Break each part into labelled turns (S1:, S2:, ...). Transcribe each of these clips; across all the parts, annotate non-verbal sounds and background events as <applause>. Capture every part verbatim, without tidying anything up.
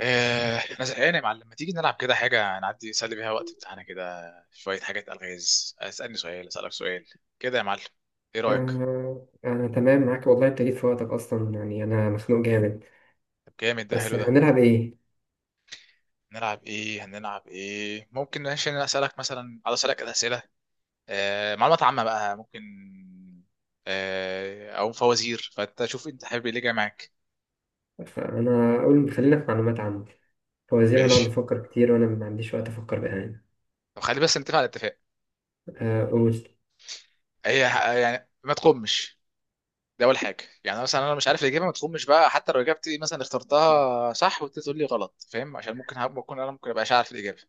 S1: آه، انا زهقان يا معلم، ما تيجي نلعب كده حاجه نعدي نسلي بيها وقت بتاعنا كده. شويه حاجات الغاز، اسالني سؤال اسالك سؤال كده يا معلم. ايه رايك؟
S2: آه، أنا تمام معاك، والله أنت جيت في وقتك أصلا. يعني أنا مخنوق جامد.
S1: طب جامد، ده
S2: بس
S1: حلو ده.
S2: هنلعب إيه؟
S1: نلعب ايه؟ هنلعب ايه؟ ممكن ماشي انا اسالك مثلا، عايز اسالك اسئله. آه، معلومات عامه بقى ممكن، آه، او فوازير، فانت شوف انت حابب ايه اللي جاي معاك.
S2: أنا أقول خلينا في معلومات عامة. فوزير هنقعد
S1: ماشي.
S2: نفكر كتير وأنا ما عنديش وقت أفكر بأمانة.
S1: طب خلي بس نتفق على اتفاق.
S2: آه، قول.
S1: هي، يعني ما تقومش، دي اول حاجه. يعني مثلا انا مش عارف الاجابه ما تخمش بقى، حتى لو اجابتي مثلا اخترتها صح وانت تقول لي غلط فاهم، عشان ممكن هبقى اكون انا ممكن ابقاش عارف الاجابه.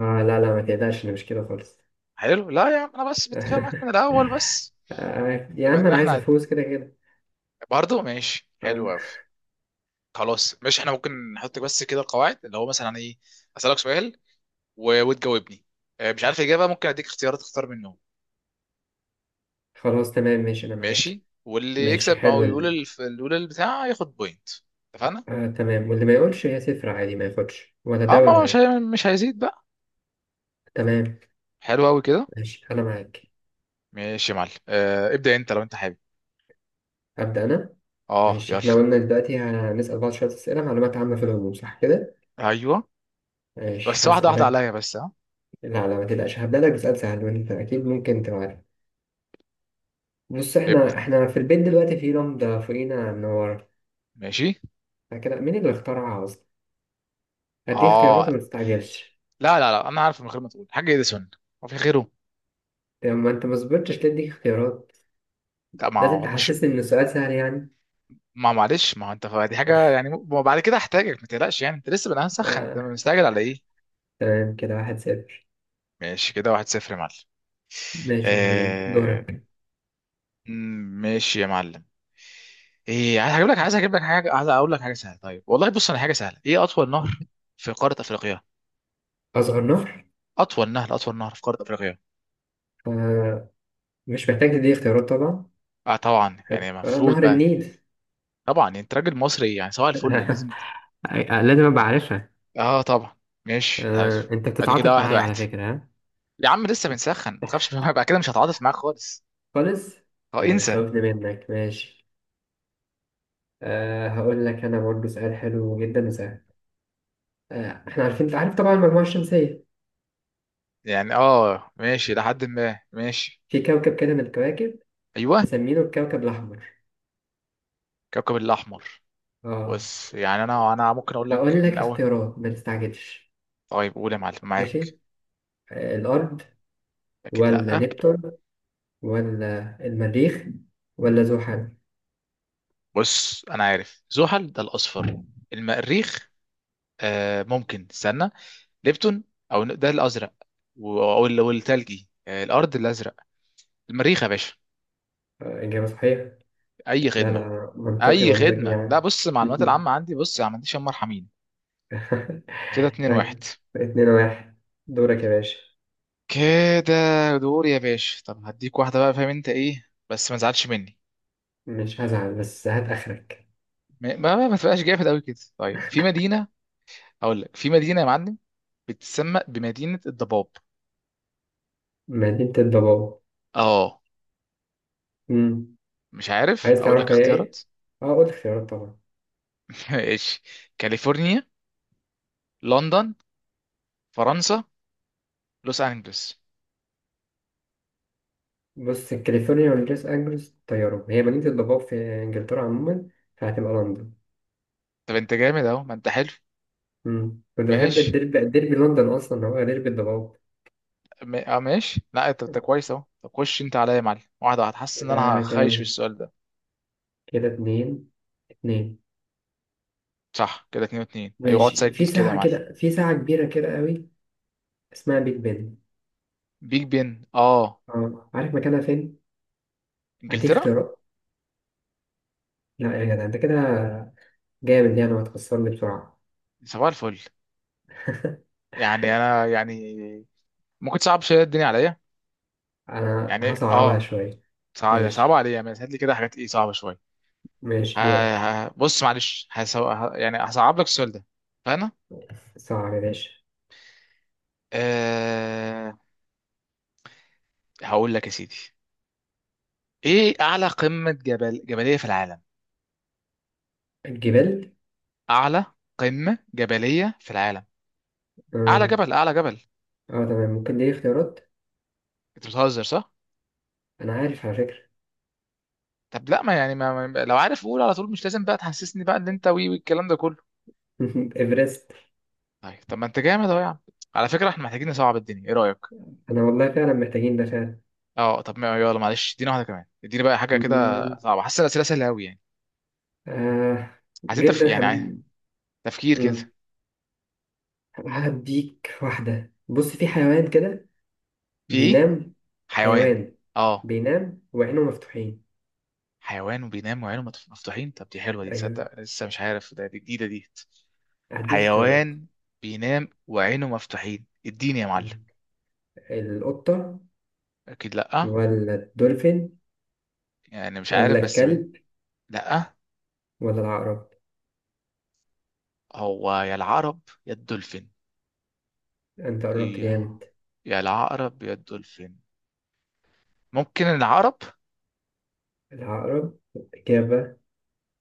S2: آه، لا لا، ما تقلقش، أنا مش كده خالص.
S1: حلو، لا يا عم انا بس بتفق معاك من
S2: <laughs>
S1: الاول بس.
S2: آه، يا
S1: بما
S2: عم،
S1: ان
S2: أنا عايز
S1: احنا،
S2: أفوز كده كده.
S1: برضه ماشي حلو
S2: آه،
S1: قوي. خلاص ماشي، احنا ممكن نحط بس كده القواعد اللي هو مثلا ايه. اسالك سؤال و... وتجاوبني. آه، مش عارف الاجابه ممكن اديك اختيارات تختار منهم.
S2: خلاص تمام ماشي، أنا معاك.
S1: ماشي، واللي
S2: ماشي
S1: يكسب او
S2: حلو
S1: يقول
S2: ال-
S1: الف... اللي يقول البتاع ياخد بوينت. اتفقنا.
S2: آه تمام، واللي ما يقولش هي صفر عادي، ما ياخدش ولا
S1: اه،
S2: ده
S1: ما
S2: ولا
S1: هو مش
S2: ده.
S1: هي... مش هيزيد بقى.
S2: تمام.
S1: حلو قوي كده.
S2: ماشي أنا معاك.
S1: ماشي يا معلم، آه ابدأ انت لو انت حابب.
S2: أبدأ أنا.
S1: اه
S2: ماشي،
S1: يلا.
S2: احنا قلنا دلوقتي هنسأل بعض شوية أسئلة معلومات عامة في العموم، صح كده؟
S1: ايوه
S2: ماشي،
S1: بس واحدة واحدة
S2: هسألك.
S1: عليا بس ها.
S2: لا لا، ما تقلقش، هبدأ لك بسؤال سهل وانت أكيد ممكن تبقى عارف. بص،
S1: ابدأ.
S2: احنا احنا في البيت دلوقتي، في لمبة فوقينا منورة
S1: ماشي.
S2: كده. مين اللي اخترعها أصلا؟ هديك اختيارات،
S1: اه
S2: وما تستعجلش.
S1: لا لا لا، انا عارف من غير ما تقول حاجة، اديسون. هو في غيره؟
S2: طب ما انت ما صبرتش ليه اديك اختيارات.
S1: لا ما
S2: لازم
S1: هو مش.
S2: تحسسني إن السؤال سهل يعني.
S1: ما معلش، ما هو انت دي حاجة يعني، م- ما بعد كده هحتاجك ما تقلقش، يعني انت لسه بنقى مسخن، انت
S2: آه.
S1: مستعجل على ايه؟
S2: تمام، كده واحد صفر.
S1: ماشي كده واحد صفر يا معلم.
S2: ماشي يا معلم،
S1: آه.
S2: دورك.
S1: مم، ماشي يا معلم. ايه عايز، هجيب لك عايز اجيب لك حاجة، عايز اقول لك حاجة سهلة. طيب والله بص انا، حاجة سهلة، ايه اطول نهر في قارة افريقيا؟
S2: أصغر نهر؟
S1: اطول نهر، اطول نهر في قارة افريقيا.
S2: آه. مش محتاج تديك اختيارات طبعا.
S1: اه طبعا
S2: حلو.
S1: يعني
S2: آه،
S1: المفروض
S2: نهر
S1: بقى.
S2: النيل.
S1: طبعا يعني انت راجل مصري، يعني سواء الفل
S2: <laughs>
S1: لازم ت-
S2: أي- لازم ابقى عارفها.
S1: اه طبعا. ماشي حلو.
S2: آه، انت
S1: ادي كده
S2: بتتعاطف
S1: واحد
S2: معايا
S1: واحد
S2: على فكرة، ها؟
S1: يا عم لسه بنسخن ما تخافش <laughs> منها، بقى كده مش هتعاطف معاك خالص.
S2: خالص.
S1: اه
S2: يعني
S1: انسى.
S2: بتخوفني منك، ماشي. أه، هقول لك انا برضه سؤال حلو جدا وسهل. أه، احنا عارفين انت عارف طبعا المجموعة الشمسية.
S1: يعني اه ماشي لحد ما ماشي.
S2: في كوكب كده من الكواكب،
S1: ايوه.
S2: مسمينه الكوكب الاحمر.
S1: كوكب الاحمر.
S2: اه،
S1: بص يعني انا انا ممكن اقول لك
S2: هقول لك
S1: ان اول.
S2: اختيارات، ما تستعجلش.
S1: طيب قول يا معلم معاك.
S2: ماشي. أه، الارض؟
S1: اكيد
S2: ولا
S1: لا.
S2: نبتون؟ ولا المريخ؟ ولا زحل؟
S1: بص انا عارف زحل ده الاصفر.
S2: آه،
S1: المريخ. آه ممكن استنى. ليبتون، او ده الازرق، و- او ال- والتلجي، آه، الارض الازرق. المريخ يا باشا.
S2: اجابة صحيحة.
S1: اي
S2: لا
S1: خدمه.
S2: لا، منطقي
S1: اي
S2: منطقي
S1: خدمه، لا
S2: يعني.
S1: بص المعلومات
S2: <laughs>
S1: العامه عندي، بص ما عنديش هم، مرحمين.
S2: <laughs>
S1: كده اتنين واحد.
S2: اتنين واحد. دورك يا باشا.
S1: كده دور يا باشا. طب هديك واحده بقى فاهم انت ايه بس ما تزعلش مني.
S2: مش هزعل، بس هات آخرك.
S1: ما ما, ما تبقاش جامد قوي كده. طيب، في مدينه، اقول لك في مدينه يا معلم، بتسمى بمدينه الضباب.
S2: مدينة الضباب؟
S1: اه.
S2: مم.
S1: مش عارف،
S2: عايز
S1: اقول لك
S2: تعرف هي
S1: اختيارات.
S2: ايه؟ اه، قول اختيارات طبعا.
S1: <laughs> ماشي. كاليفورنيا، لندن، فرنسا، لوس انجلوس.
S2: بص، كاليفورنيا ولوس أنجلوس طيارة. هي مدينة الضباب في إنجلترا عموما، فهتبقى لندن.
S1: طب انت جامد اهو، ما انت حلو.
S2: مم. كنت بحب
S1: ماشي.
S2: الديربي. الديربي لندن أصلا هو ديربي الضباب.
S1: م... اه ماشي، لا انت انت كويس اهو. طب خش انت عليا يا معلم، واحده واحده، حاسس ان انا
S2: كده
S1: هخايش في
S2: كام؟
S1: السؤال ده.
S2: كده اتنين اتنين.
S1: صح كده اتنين واتنين. ايوه اقعد
S2: ماشي،
S1: سجل
S2: في
S1: كده يا
S2: ساعة
S1: معلم.
S2: كده، في ساعة كبيرة كده قوي، اسمها بيج بن.
S1: بيج بن، اه.
S2: اه، عارف مكانها فين؟ هديك
S1: انجلترا.
S2: اختيارات. لا يا جدع، انت كده جامد يعني، وهتخسرني بسرعة.
S1: صباح الفل. يعني انا يعني، ممكن تصعب شويه الدنيا عليا.
S2: انا
S1: يعني
S2: هصعبها
S1: اه،
S2: شوية.
S1: صعب، صعب
S2: ماشي.
S1: عليا، بس هات لي كده حاجات ايه صعبه شويه. ه...
S2: ماشي، دورك.
S1: ه... بص معلش، هسو... ه... يعني هصعب لك السؤال ده. فانا،
S2: صعب يا باشا.
S1: آه... هقول لك يا سيدي، ايه اعلى قمه جبل جبليه في العالم؟
S2: الجبال؟
S1: اعلى قمه جبليه في العالم. اعلى
S2: اه,
S1: جبل، اعلى جبل.
S2: آه تمام، ممكن دي اختيارات؟
S1: انت بتهزر صح؟
S2: انا عارف على فكرة.
S1: طب لا، ما يعني ما ما- لو عارف قول على طول، مش لازم بقى تحسسني بقى ان انت وي والكلام ده كله.
S2: <laughs> ايفرست.
S1: طيب، طب ما انت جامد اهو يا عم. على فكره احنا محتاجين نصعب الدنيا، ايه رايك؟
S2: انا والله فعلا محتاجين ده فعلا.
S1: اه طب ما يلا معلش، ادينا واحده كمان، اديني بقى حاجه كده
S2: مم،
S1: صعبه، حاسس الاسئله سهله قوي يعني.
S2: آه
S1: عايزين تف...
S2: جدا
S1: يعني عايز-
S2: حب...
S1: تفكير كده.
S2: مم، هديك واحدة. بص، في حيوان كده.
S1: في ايه؟
S2: بينام.
S1: حيوان.
S2: حيوان.
S1: اه.
S2: بينام وعينه مفتوحين.
S1: حيوان وبينام وعينه متف- مفتوحين، طب دي حلوه دي،
S2: ايوه.
S1: تصدق لسه مش عارف ده، دي جديده دي.
S2: هديك اختيارات.
S1: حيوان بينام وعينه مفتوحين، اديني يا معلم.
S2: مم. القطة؟
S1: اكيد لا.
S2: ولا الدولفين؟
S1: يعني مش عارف
S2: ولا
S1: بس من.
S2: الكلب؟
S1: لا،
S2: ولا العقرب؟
S1: هو يا العقرب يا الدولفين.
S2: انت قربت
S1: إيه.
S2: جامد.
S1: يا العقرب يا الدولفين. ممكن العقرب.
S2: العقرب؟ إجابة.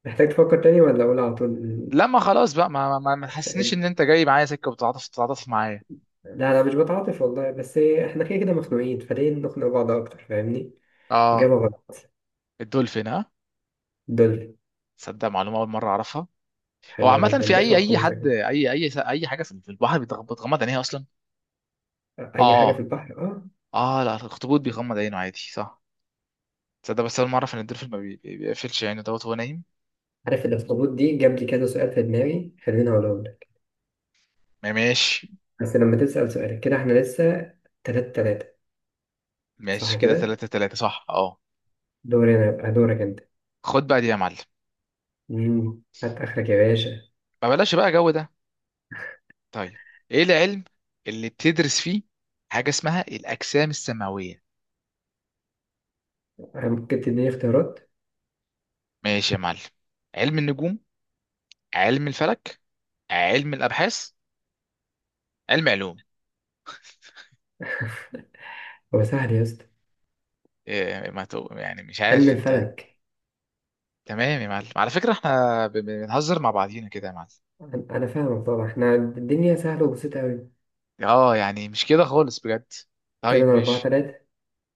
S2: محتاج تفكر تاني ولا أقول على طول؟
S1: لا ما خلاص بقى، ما ما, ما تحسنيش ان انت جاي معايا سكه وبتتعاطف تتعاطف معايا.
S2: لا لا، مش بتعاطف والله، بس احنا كده كده مخنوقين، فليه نخنق بعض أكتر، فاهمني؟
S1: اه.
S2: إجابة غلط.
S1: الدولفين ها.
S2: دولفين.
S1: تصدق معلومه اول مره اعرفها. هو
S2: حلوة
S1: عامه
S2: جدا،
S1: في اي
S2: نفهم
S1: اي حد،
S2: قوتك.
S1: اي اي اي حاجه في في البحر بتغ- بتغمض عينيها اصلا.
S2: أي حاجة في
S1: اه.
S2: البحر، أه.
S1: اه لا، الاخطبوط بيغمض عينه عادي صح. تصدق بس اول مره اعرف ان الدولفين ما بي- بي- بيقفلش عينه دوت وهو نايم.
S2: عارف الأخطبوط دي جاب لي كذا سؤال في دماغي، خليني أقولهم لك.
S1: ما ماشي.
S2: بس لما تسأل سؤالك كده، احنا لسه تلاتة تلاتة. صح
S1: ماشي كده
S2: كده.
S1: تلاتة تلاتة صح اه.
S2: دوري أنا يبقى دورك أنت.
S1: خد بقى دي يا معلم.
S2: مم، هات آخرك يا باشا.
S1: ما بلاش بقى جو ده. طيب، ايه العلم اللي بتدرس فيه حاجة اسمها الأجسام السماوية؟
S2: ممكن تديني اختيارات؟
S1: ماشي يا معلم. علم النجوم، علم الفلك، علم الأبحاث، علم علوم.
S2: <laughs> هو سهل يا اسطى.
S1: إيه ما تو... يعني مش
S2: علم
S1: عارف انت.
S2: الفلك.
S1: تمام يا معلم، على فكرة احنا ب- ب- بنهزر مع بعضينا كده يا معلم.
S2: أنا أنا فاهمك طبعا، احنا الدنيا سهلة وبسيطة أوي.
S1: اه يعني مش كده خالص بجد.
S2: كده
S1: طيب
S2: أنا أربعة
S1: ماشي.
S2: تلاتة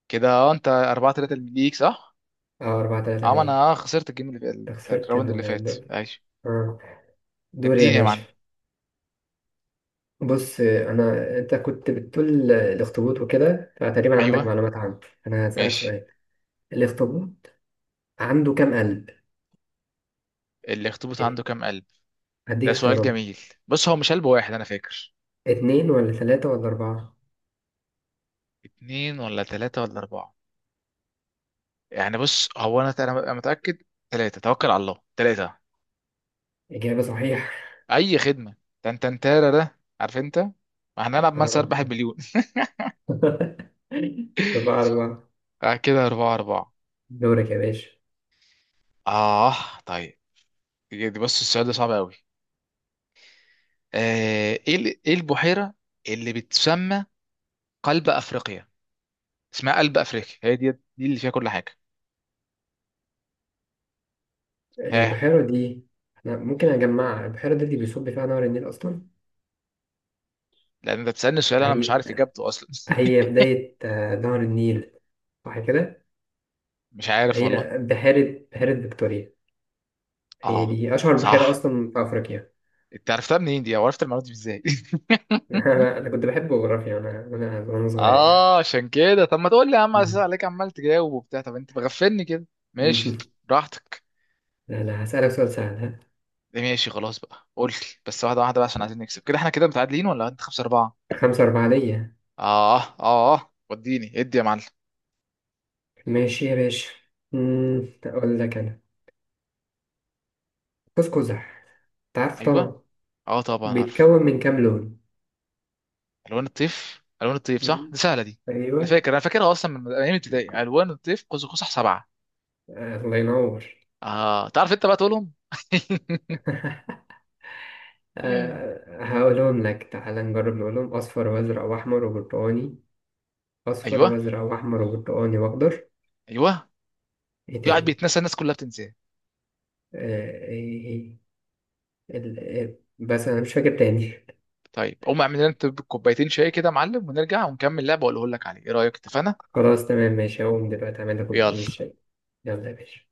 S1: كده اه انت أربعة تلاتة ليك صح؟
S2: أه، أربعة تلاتة
S1: اه ما انا
S2: ليا.
S1: آه، خسرت الجيم اللي
S2: أنت خسرت
S1: الراوند اللي
S2: ال-
S1: فات.
S2: ال-
S1: ماشي.
S2: آه. دور يا
S1: اديني يا
S2: باشا.
S1: معلم.
S2: بص، أنا أنت كنت بتقول الأخطبوط وكده، فتقريبا عندك
S1: ايوه.
S2: معلومات عنه. أنا هسألك
S1: ماشي.
S2: سؤال. الأخطبوط عنده كام قلب؟
S1: الاخطبوط عنده كام قلب؟ ده
S2: هديك اختيارات.
S1: سؤال جميل. بص هو مش قلب واحد انا فاكر.
S2: اتنين ولا تلاتة ولا أربعة؟
S1: اتنين ولا تلاتة ولا اربعة. يعني بص هو انا انا أنا متأكد، تلاتة، توكل على الله، تلاتة.
S2: إجابة صحيحة.
S1: اي خدمة. تنتنتارا ده، عارف انت، ما هنلعب من
S2: آه.
S1: سيربح المليون.
S2: <laughs> أربعة أربعة.
S1: <laughs> آه كده اربعة اربعة.
S2: دورك يا باشا.
S1: اه. طيب، دي دي بص السؤال ده صعب قوي. آه، ايه ال- ايه البحيرة اللي بتسمى قلب افريقيا؟ اسمها قلب افريقيا، هي دي دي اللي فيها كل حاجة. ها.
S2: البحيرة دي؟ أنا ممكن أجمعها، البحيرة دي اللي بيصب فيها نهر النيل أصلا.
S1: لان انت بتسألني سؤال انا مش
S2: هي
S1: عارف اجابته اصلا. <laughs>
S2: هي بداية آه، نهر النيل، صح كده.
S1: مش عارف
S2: هي
S1: والله.
S2: بحيرة بحيرة فيكتوريا. هي
S1: اه.
S2: دي أشهر بحيرة
S1: صح.
S2: أصلا في أفريقيا.
S1: انت عرفتها منين دي او عرفت المعلومه دي ازاي؟
S2: <laughs> أنا أنا كنت بحب جغرافيا وأنا وأنا وأنا
S1: <laughs>
S2: صغير يعني.
S1: اه عشان كده، طب ما تقول لي يا
S2: <laughs>
S1: عم، على اساس
S2: مم.
S1: عليك عمال تجاوب وبتاع، طب انت مغفلني كده. ماشي.
S2: مم.
S1: براحتك.
S2: لا لا، هسألك سؤال سهل، ها؟
S1: ماشي، خلاص بقى قول لي بس واحده واحده بقى، عشان عايزين نكسب كده، احنا كده متعادلين ولا انت خمسة أربعة؟
S2: خمسة أربعة ليا.
S1: اه اه اه وديني ادي يا معلم.
S2: ماشي يا باشا. مم، أقول لك أنا قوس قزح، أنت عارفه
S1: ايوه.
S2: طبعا.
S1: اه طبعا عارف.
S2: بيتكون من كام لون؟
S1: الوان الطيف، الوان الطيف، صح
S2: مم.
S1: دي سهله دي. انا
S2: أيوه.
S1: فاكر، انا فاكرها اصلا من من ايام ابتدائي، الوان الطيف قوس قزح سبعه.
S2: آه، الله ينور.
S1: اه تعرف انت بقى تقولهم.
S2: أه،
S1: <laughs>
S2: هقولهم لك. تعالى نجرب نقولهم: أصفر وأزرق وأحمر وبرتقاني. أصفر
S1: ايوه.
S2: وأزرق وأحمر وبرتقاني وأخضر.
S1: ايوه.
S2: إيه
S1: قاعد
S2: تاني؟
S1: بيتنسى، الناس كلها بتنساه.
S2: أه، إيه إيه. ال- إيه، بس أنا مش فاكر تاني.
S1: طيب قوم اعمل لنا انت كوبايتين شاي كده يا معلم، ونرجع ونكمل لعبه واقول لك عليه، ايه رايك؟ اتفقنا.
S2: <laughs> خلاص تمام ماشي، هقوم دلوقتي أعمل لك كل
S1: يلا.
S2: الشاي. يلا يا باشا.